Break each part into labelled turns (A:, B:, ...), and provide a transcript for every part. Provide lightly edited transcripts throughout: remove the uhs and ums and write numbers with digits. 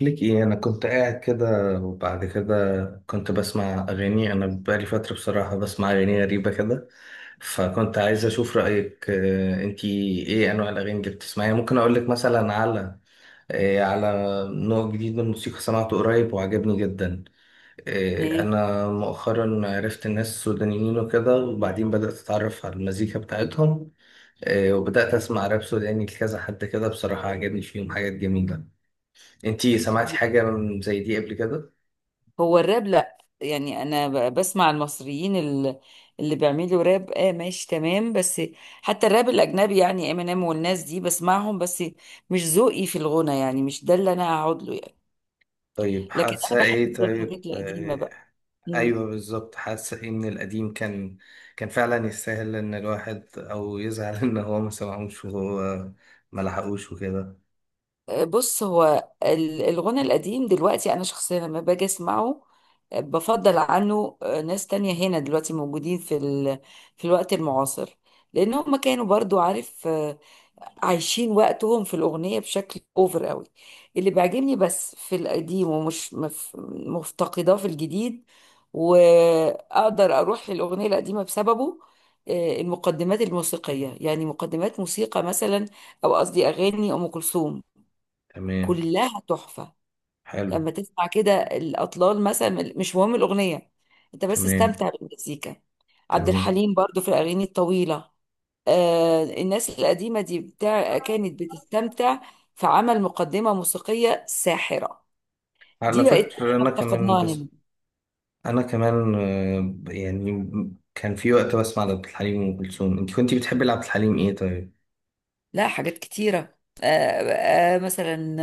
A: ليك ايه؟ انا كنت قاعد كده وبعد كده كنت بسمع اغاني. انا بقالي فتره بصراحه بسمع اغاني غريبه كده، فكنت عايز اشوف رايك. انتي ايه انواع الاغاني اللي بتسمعيها؟ ممكن اقول لك مثلا على على نوع جديد من الموسيقى سمعته قريب وعجبني جدا.
B: إيه؟
A: انا مؤخرا عرفت الناس السودانيين وكده، وبعدين بدات اتعرف على المزيكا بتاعتهم. وبدات اسمع راب سوداني لكذا حد كده، بصراحه عجبني فيهم حاجات جميله. انتي سمعتي حاجة من زي دي قبل كده؟
B: هو الراب لا يعني انا بسمع المصريين اللي بيعملوا راب، اه ماشي تمام. بس حتى الراب الاجنبي يعني امينيم والناس دي بسمعهم، بس مش ذوقي في الغنى، يعني مش ده اللي انا هقعد له يعني.
A: طيب
B: لكن انا
A: حاسة ايه؟
B: بحب
A: طيب
B: الحاجات القديمه بقى. مم.
A: ايوه بالظبط. حاسة ايه من القديم؟ كان فعلا يستاهل ان الواحد او يزعل ان هو ما سمعوش وهو ما لحقوش وكده.
B: بص، هو الغنى القديم دلوقتي انا شخصيا لما باجي اسمعه بفضل عنه. ناس تانية هنا دلوقتي موجودين في الوقت المعاصر، لان هم كانوا برضو عارف، عايشين وقتهم في الأغنية بشكل أوفر قوي. اللي بيعجبني بس في القديم ومش مفتقداه في الجديد، وأقدر أروح للأغنية القديمة بسببه، المقدمات الموسيقية، يعني مقدمات موسيقى مثلا، أو قصدي أغاني أم كلثوم
A: تمام.
B: كلها تحفة.
A: حلو.
B: لما تسمع كده الأطلال مثلا، مش مهم الأغنية، أنت بس
A: تمام.
B: استمتع بالمزيكا. عبد
A: تمام.
B: الحليم برضو في الأغاني الطويلة. الناس القديمة دي بتاع كانت بتستمتع في عمل مقدمة موسيقية ساحرة.
A: على
B: دي بقت
A: فكرة
B: احنا
A: انا كمان.
B: افتقدناها
A: بس
B: هنا.
A: انا كمان يعني كان في وقت بسمع لعبد الحليم وام كلثوم. انت كنتي بتحبي لعبد الحليم ايه طيب؟
B: لا، حاجات كتيرة. مثلا،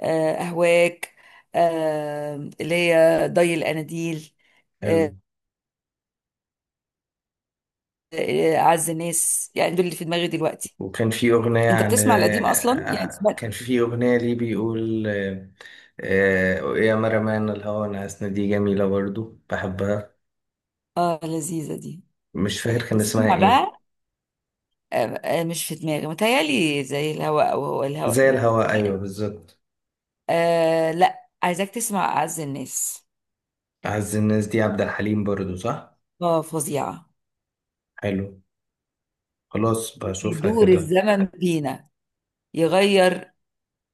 B: أهواك، اللي هي ضي الأناديل،
A: حلو.
B: آه، أعز الناس، يعني دول اللي في دماغي دلوقتي.
A: وكان في أغنية
B: أنت
A: عن
B: بتسمع القديم أصلا يعني؟
A: آه،
B: سمعت
A: كان في أغنية ليه بيقول يا مرمان الهوى نعسنا، دي جميلة برضو بحبها.
B: آه، لذيذة دي.
A: مش فاكر كان اسمها
B: بسمع
A: ايه.
B: بقى آه، مش في دماغي، متهيألي زي الهواء أو هو
A: زي
B: الهواء.
A: الهوى، أيوة بالظبط.
B: آه لا، عايزاك تسمع أعز الناس.
A: أعز الناس دي عبد الحليم برضو، صح؟
B: اه فظيعة.
A: حلو. خلاص بشوفها
B: يدور
A: كده.
B: الزمن بينا، يغير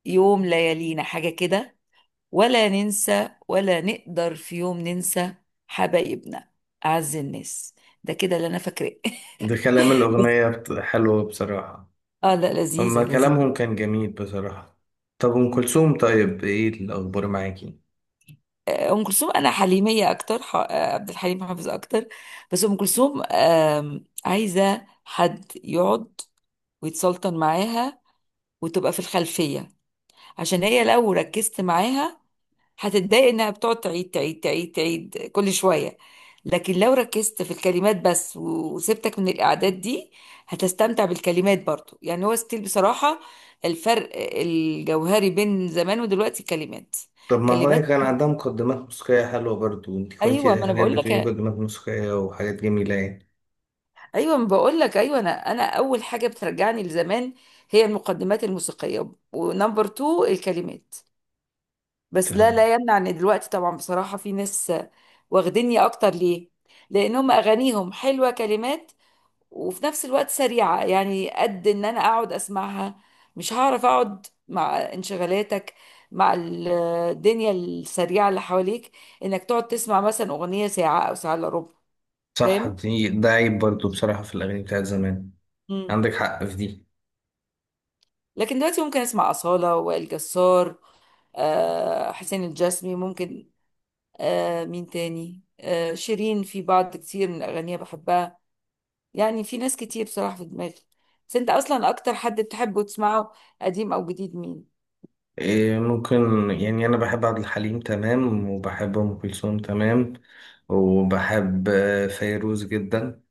B: يوم ليالينا، حاجة كده. ولا ننسى ولا نقدر في يوم ننسى حبايبنا، أعز الناس. ده كده اللي أنا فاكراه.
A: ده كلام
B: بس
A: الأغنية حلو بصراحة.
B: اه لا، لذيذة
A: هما
B: لذيذة.
A: كلامهم كان جميل بصراحة. طب أم كلثوم، طيب ايه الأخبار معاكي؟
B: أم كلثوم أنا حليمية أكتر، عبد الحليم حافظ أكتر. بس أم كلثوم عايزة حد يقعد ويتسلطن معاها وتبقى في الخلفية، عشان هي لو ركزت معاها هتتضايق، انها بتقعد تعيد تعيد تعيد تعيد كل شوية. لكن لو ركزت في الكلمات بس وسبتك من الإعداد دي، هتستمتع بالكلمات برضو. يعني هو ستيل بصراحة، الفرق الجوهري بين زمان ودلوقتي كلمات.
A: طب ما هو
B: كلمات.
A: كان عندها مقدمات موسيقية حلوة برضو، انت
B: ايوه
A: كنتي
B: ما انا
A: حاليا
B: بقول
A: بتقولي
B: لك.
A: مقدمات موسيقية وحاجات جميلة يعني.
B: ايوه ما بقول لك، ايوه، انا اول حاجه بترجعني لزمان هي المقدمات الموسيقيه، ونمبر تو الكلمات. بس لا
A: فاهم.
B: لا يمنع ان دلوقتي طبعا بصراحه في ناس واخديني اكتر، ليه؟ لان هم اغانيهم حلوه كلمات، وفي نفس الوقت سريعه، يعني قد ان انا اقعد اسمعها، مش هعرف اقعد مع انشغالاتك، مع الدنيا السريعه اللي حواليك، انك تقعد تسمع مثلا اغنيه ساعه او ساعه الا ربع.
A: صح،
B: فاهم.
A: دي ده عيب برضو بصراحة في الأغاني بتاعت زمان.
B: مم.
A: عندك حق في دي.
B: لكن دلوقتي ممكن اسمع أصالة، وائل جسار، حسين الجسمي ممكن، مين تاني، شيرين في بعض كتير من أغانيها بحبها. يعني في ناس كتير بصراحة في دماغي. بس انت اصلا اكتر حد بتحبه تسمعه، قديم او جديد، مين؟
A: إيه ممكن يعني، أنا بحب عبد الحليم تمام، وبحب أم كلثوم تمام، وبحب فيروز جدا.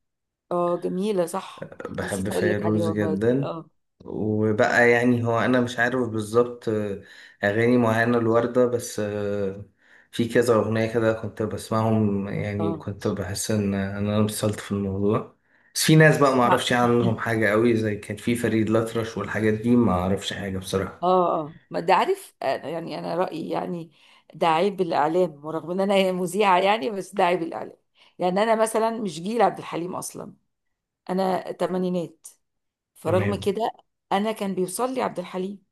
B: اه جميلة صح،
A: بحب
B: نسيت اقول لك عليها
A: فيروز
B: والله، دي
A: جدا.
B: اه.
A: وبقى يعني هو انا مش عارف بالظبط، اغاني معينه الوردة بس، في كذا اغنيه كده كنت بسمعهم يعني،
B: اه
A: وكنت بحس ان انا انبسطت في الموضوع. بس في ناس بقى ما
B: لا.
A: اعرفش عنهم حاجه قوي، زي كان في فريد الأطرش والحاجات دي ما اعرفش حاجه بصراحه.
B: اه اه، ما ده عارف، يعني انا رأيي يعني ده عيب الاعلام، ورغم ان انا مذيعة يعني، بس ده عيب الاعلام. يعني انا مثلا مش جيل عبد الحليم اصلا، انا تمانينات. فرغم
A: تمام.
B: كده انا كان بيوصل لي عبد الحليم،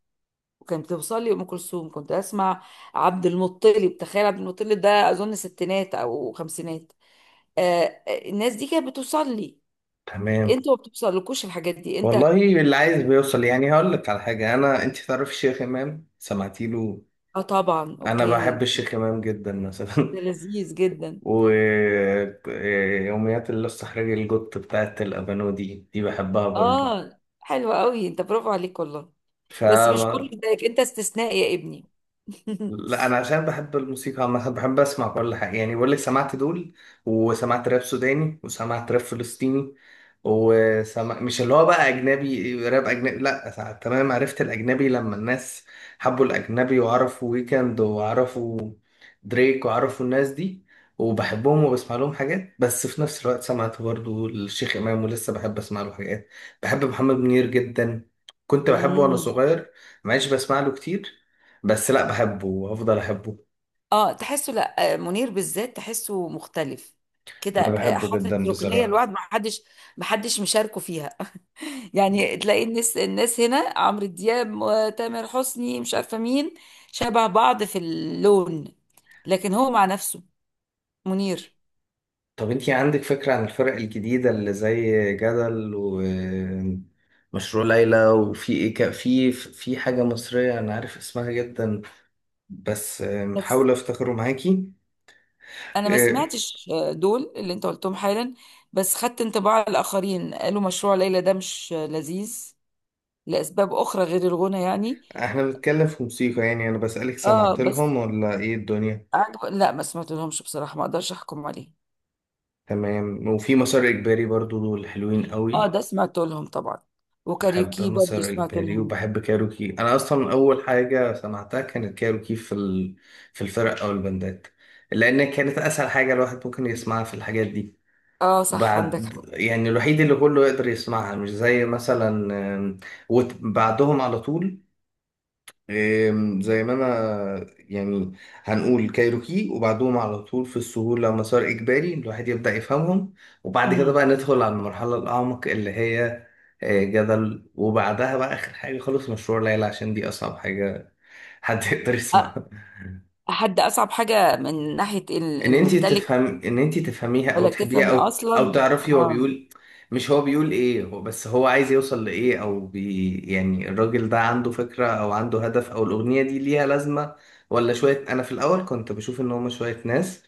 B: وكانت بتوصل لي ام كلثوم. كنت اسمع عبد المطلب، تخيل، عبد المطلب ده اظن ستينات او خمسينات. آه، الناس دي كانت بتوصل لي،
A: تمام.
B: انتوا ما بتوصلكوش الحاجات دي انت.
A: والله اللي عايز بيوصل يعني. هقول لك على حاجه انا، انت تعرف الشيخ امام؟ سمعتي له؟
B: اه طبعا
A: انا بحب
B: اوكي،
A: الشيخ امام جدا
B: ده
A: مثلا.
B: لذيذ جدا.
A: ويوميات اللص حراج القط بتاعت الأبانو دي، دي بحبها برضو.
B: اه حلو قوي انت، برافو عليك والله.
A: فا
B: بس مش كله زيك، انت استثناء يا ابني.
A: لا، انا عشان بحب الموسيقى عامة بحب اسمع كل حاجه يعني. بقول لك سمعت دول، وسمعت راب سوداني، وسمعت راب فلسطيني، وسمع مش اللي هو بقى اجنبي، راب اجنبي لا، تمام. عرفت الاجنبي لما الناس حبوا الاجنبي وعرفوا ويكند، وعرفوا دريك، وعرفوا الناس دي، وبحبهم وبسمع لهم حاجات. بس في نفس الوقت سمعت برضو الشيخ امام، ولسه بحب اسمع له حاجات. بحب محمد منير جدا، كنت بحبه وانا
B: مم.
A: صغير. ما عادش بسمع له كتير، بس لا بحبه وهفضل احبه.
B: اه تحسه، لا، منير بالذات تحسه مختلف كده،
A: انا بحبه
B: حاطط
A: جدا
B: ركنيه
A: بصراحة.
B: لوحده، ما حدش، ما حدش مشاركه فيها. يعني تلاقي الناس هنا، عمرو دياب وتامر حسني مش عارفه مين، شبه بعض في اللون، لكن هو مع نفسه، منير.
A: طب انتي عندك فكرة عن الفرق الجديدة اللي زي جدل ومشروع ليلى؟ وفي ايه ك... في حاجة مصرية انا عارف اسمها جدا، بس
B: بس
A: حاول افتكره معاكي.
B: انا ما
A: إيه،
B: سمعتش دول اللي انت قلتهم حالا، بس خدت انطباع الاخرين قالوا مشروع ليلى ده مش لذيذ لاسباب اخرى غير الغنى يعني.
A: احنا بنتكلم في موسيقى يعني، انا بسألك
B: اه
A: سمعت
B: بس
A: لهم ولا ايه الدنيا.
B: لا، ما سمعت لهمش بصراحه، ما اقدرش احكم عليه.
A: تمام. وفي مسار اجباري برضو، دول حلوين
B: اه
A: قوي.
B: ده سمعت لهم طبعا،
A: بحب
B: وكاريوكي برضه
A: مسار
B: سمعت
A: إجباري
B: لهم.
A: وبحب كايروكي. أنا أصلا أول حاجة سمعتها كانت كايروكي في ال... في الفرق أو البندات، لأن كانت أسهل حاجة الواحد ممكن يسمعها في الحاجات دي.
B: اه صح، عندك
A: بعد
B: حق.
A: يعني الوحيد اللي كله يقدر يسمعها، مش زي مثلا آم، بعدهم على طول، إيه، زي ما انا يعني هنقول كايروكي، وبعدهم على طول في السهولة مسار إجباري الواحد يبدأ يفهمهم. وبعد كده بقى
B: امم،
A: ندخل على المرحلة الأعمق اللي هي جدل. وبعدها بقى آخر حاجة خالص مشروع ليلى، عشان دي أصعب حاجة حد يقدر يسمعها.
B: حد اصعب حاجه من ناحيه
A: ان انت
B: الميتاليك،
A: تفهم، ان انت تفهميها او
B: ولا
A: تحبيها
B: تفهم
A: او او
B: اصلا
A: تعرفي هو
B: اه.
A: بيقول. مش هو بيقول ايه، هو بس هو عايز يوصل لايه؟ او بي يعني الراجل ده عنده فكرة او عنده هدف، او الاغنية دي ليها لازمة، ولا شوية. انا في الاول كنت بشوف ان هما شوية ناس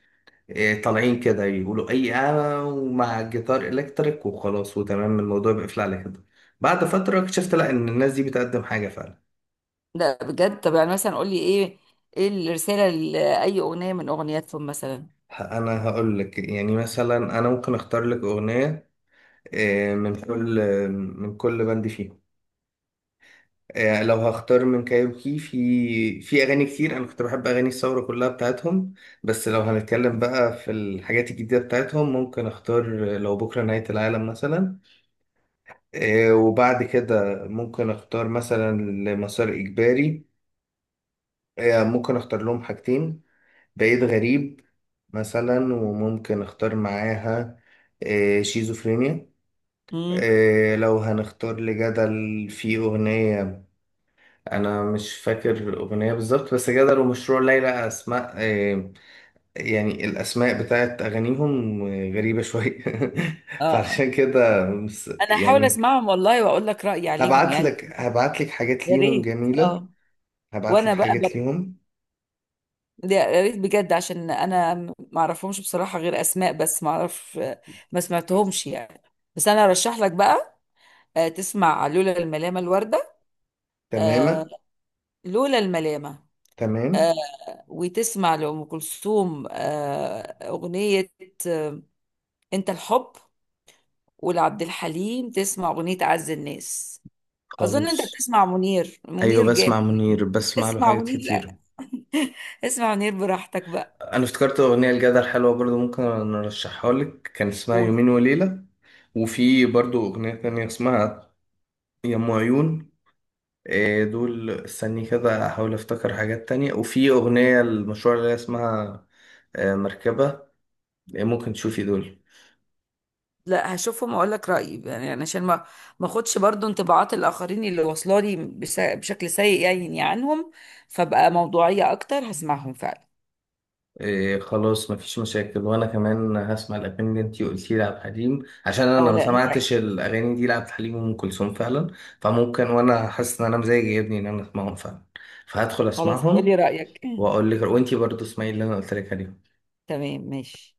A: طالعين كده يقولوا اي انا، ومع الجيتار الكتريك وخلاص، وتمام الموضوع بيقفل على كده. بعد فترة اكتشفت لا، ان الناس دي بتقدم حاجة فعلا.
B: لا بجد، طب يعني مثلا قول لي ايه، ايه الرساله لاي اغنيه من اغنياتهم مثلا.
A: انا هقول لك يعني، مثلا انا ممكن اختار لك اغنية من كل بند فيهم. لو هختار من كايروكي، في اغاني كتير انا كنت بحب اغاني الثوره كلها بتاعتهم. بس لو هنتكلم بقى في الحاجات الجديده بتاعتهم، ممكن اختار لو بكره نهايه العالم مثلا. وبعد كده ممكن اختار مثلا لمسار اجباري. ممكن اختار لهم حاجتين، بعيد غريب مثلا. وممكن اختار معاها شيزوفرينيا.
B: امم،
A: لو هنختار لجدل في أغنية، انا مش فاكر الاغنيه بالظبط. بس جدل ومشروع ليلى اسماء، يعني الاسماء بتاعت اغانيهم غريبه شويه.
B: اه آه.
A: فعلشان كده
B: انا هحاول
A: يعني
B: اسمعهم والله واقول لك رايي عليهم
A: هبعت
B: يعني.
A: لك هبعت لك حاجات
B: يا
A: ليهم
B: ريت
A: جميله.
B: اه.
A: هبعت لك
B: وانا بقى بر...
A: حاجات ليهم.
B: يا ريت بجد، عشان انا ما اعرفهمش بصراحه غير اسماء بس، ما اعرف، ما سمعتهمش يعني. بس انا ارشح لك بقى تسمع لولا الملامه، الورده، آه،
A: تماما.
B: لولا الملامه،
A: تمام.
B: آه، وتسمع لأم كلثوم أغنية أنت الحب، ولعبد الحليم تسمع أغنية أعز الناس. أظن أنت
A: خلاص.
B: بتسمع منير،
A: ايوه
B: منير جامد
A: بسمع
B: جدا.
A: منير، بسمع له
B: اسمع
A: حاجات
B: منير،
A: كتير.
B: لا اسمع منير براحتك بقى.
A: انا افتكرت اغنيه لجدل حلوه برضو، ممكن ارشحها لك، كان اسمها
B: قول.
A: يومين وليله. وفي برضو اغنيه تانية اسمها يا ام عيون. إيه دول. استني كده احاول افتكر حاجات تانية. وفي اغنية المشروع اللي هي اسمها مركبة. إيه ممكن تشوفي دول.
B: لا هشوفهم أقول لك رأيي يعني، أنا عشان ما، ما أخدش برضو انطباعات الآخرين اللي واصلة لي بشكل سيء يعني عنهم، فبقى موضوعية أكتر هسمعهم فعلا.
A: إيه خلاص، مفيش مشاكل. وانا كمان هسمع الاغاني اللي انتي قلتي لعبد الحليم، عشان
B: أو
A: انا ما
B: لا أنت-
A: سمعتش الاغاني دي لعبد الحليم وام كلثوم فعلا. فممكن، وانا حاسس ان انا مزاجي يجيبني ان انا اسمعهم فعلا، فهدخل
B: خلاص
A: اسمعهم
B: قولي رأيك.
A: واقول لك. وانتي برضو اسمعي اللي انا قلت لك عليه.
B: تمام ماشي.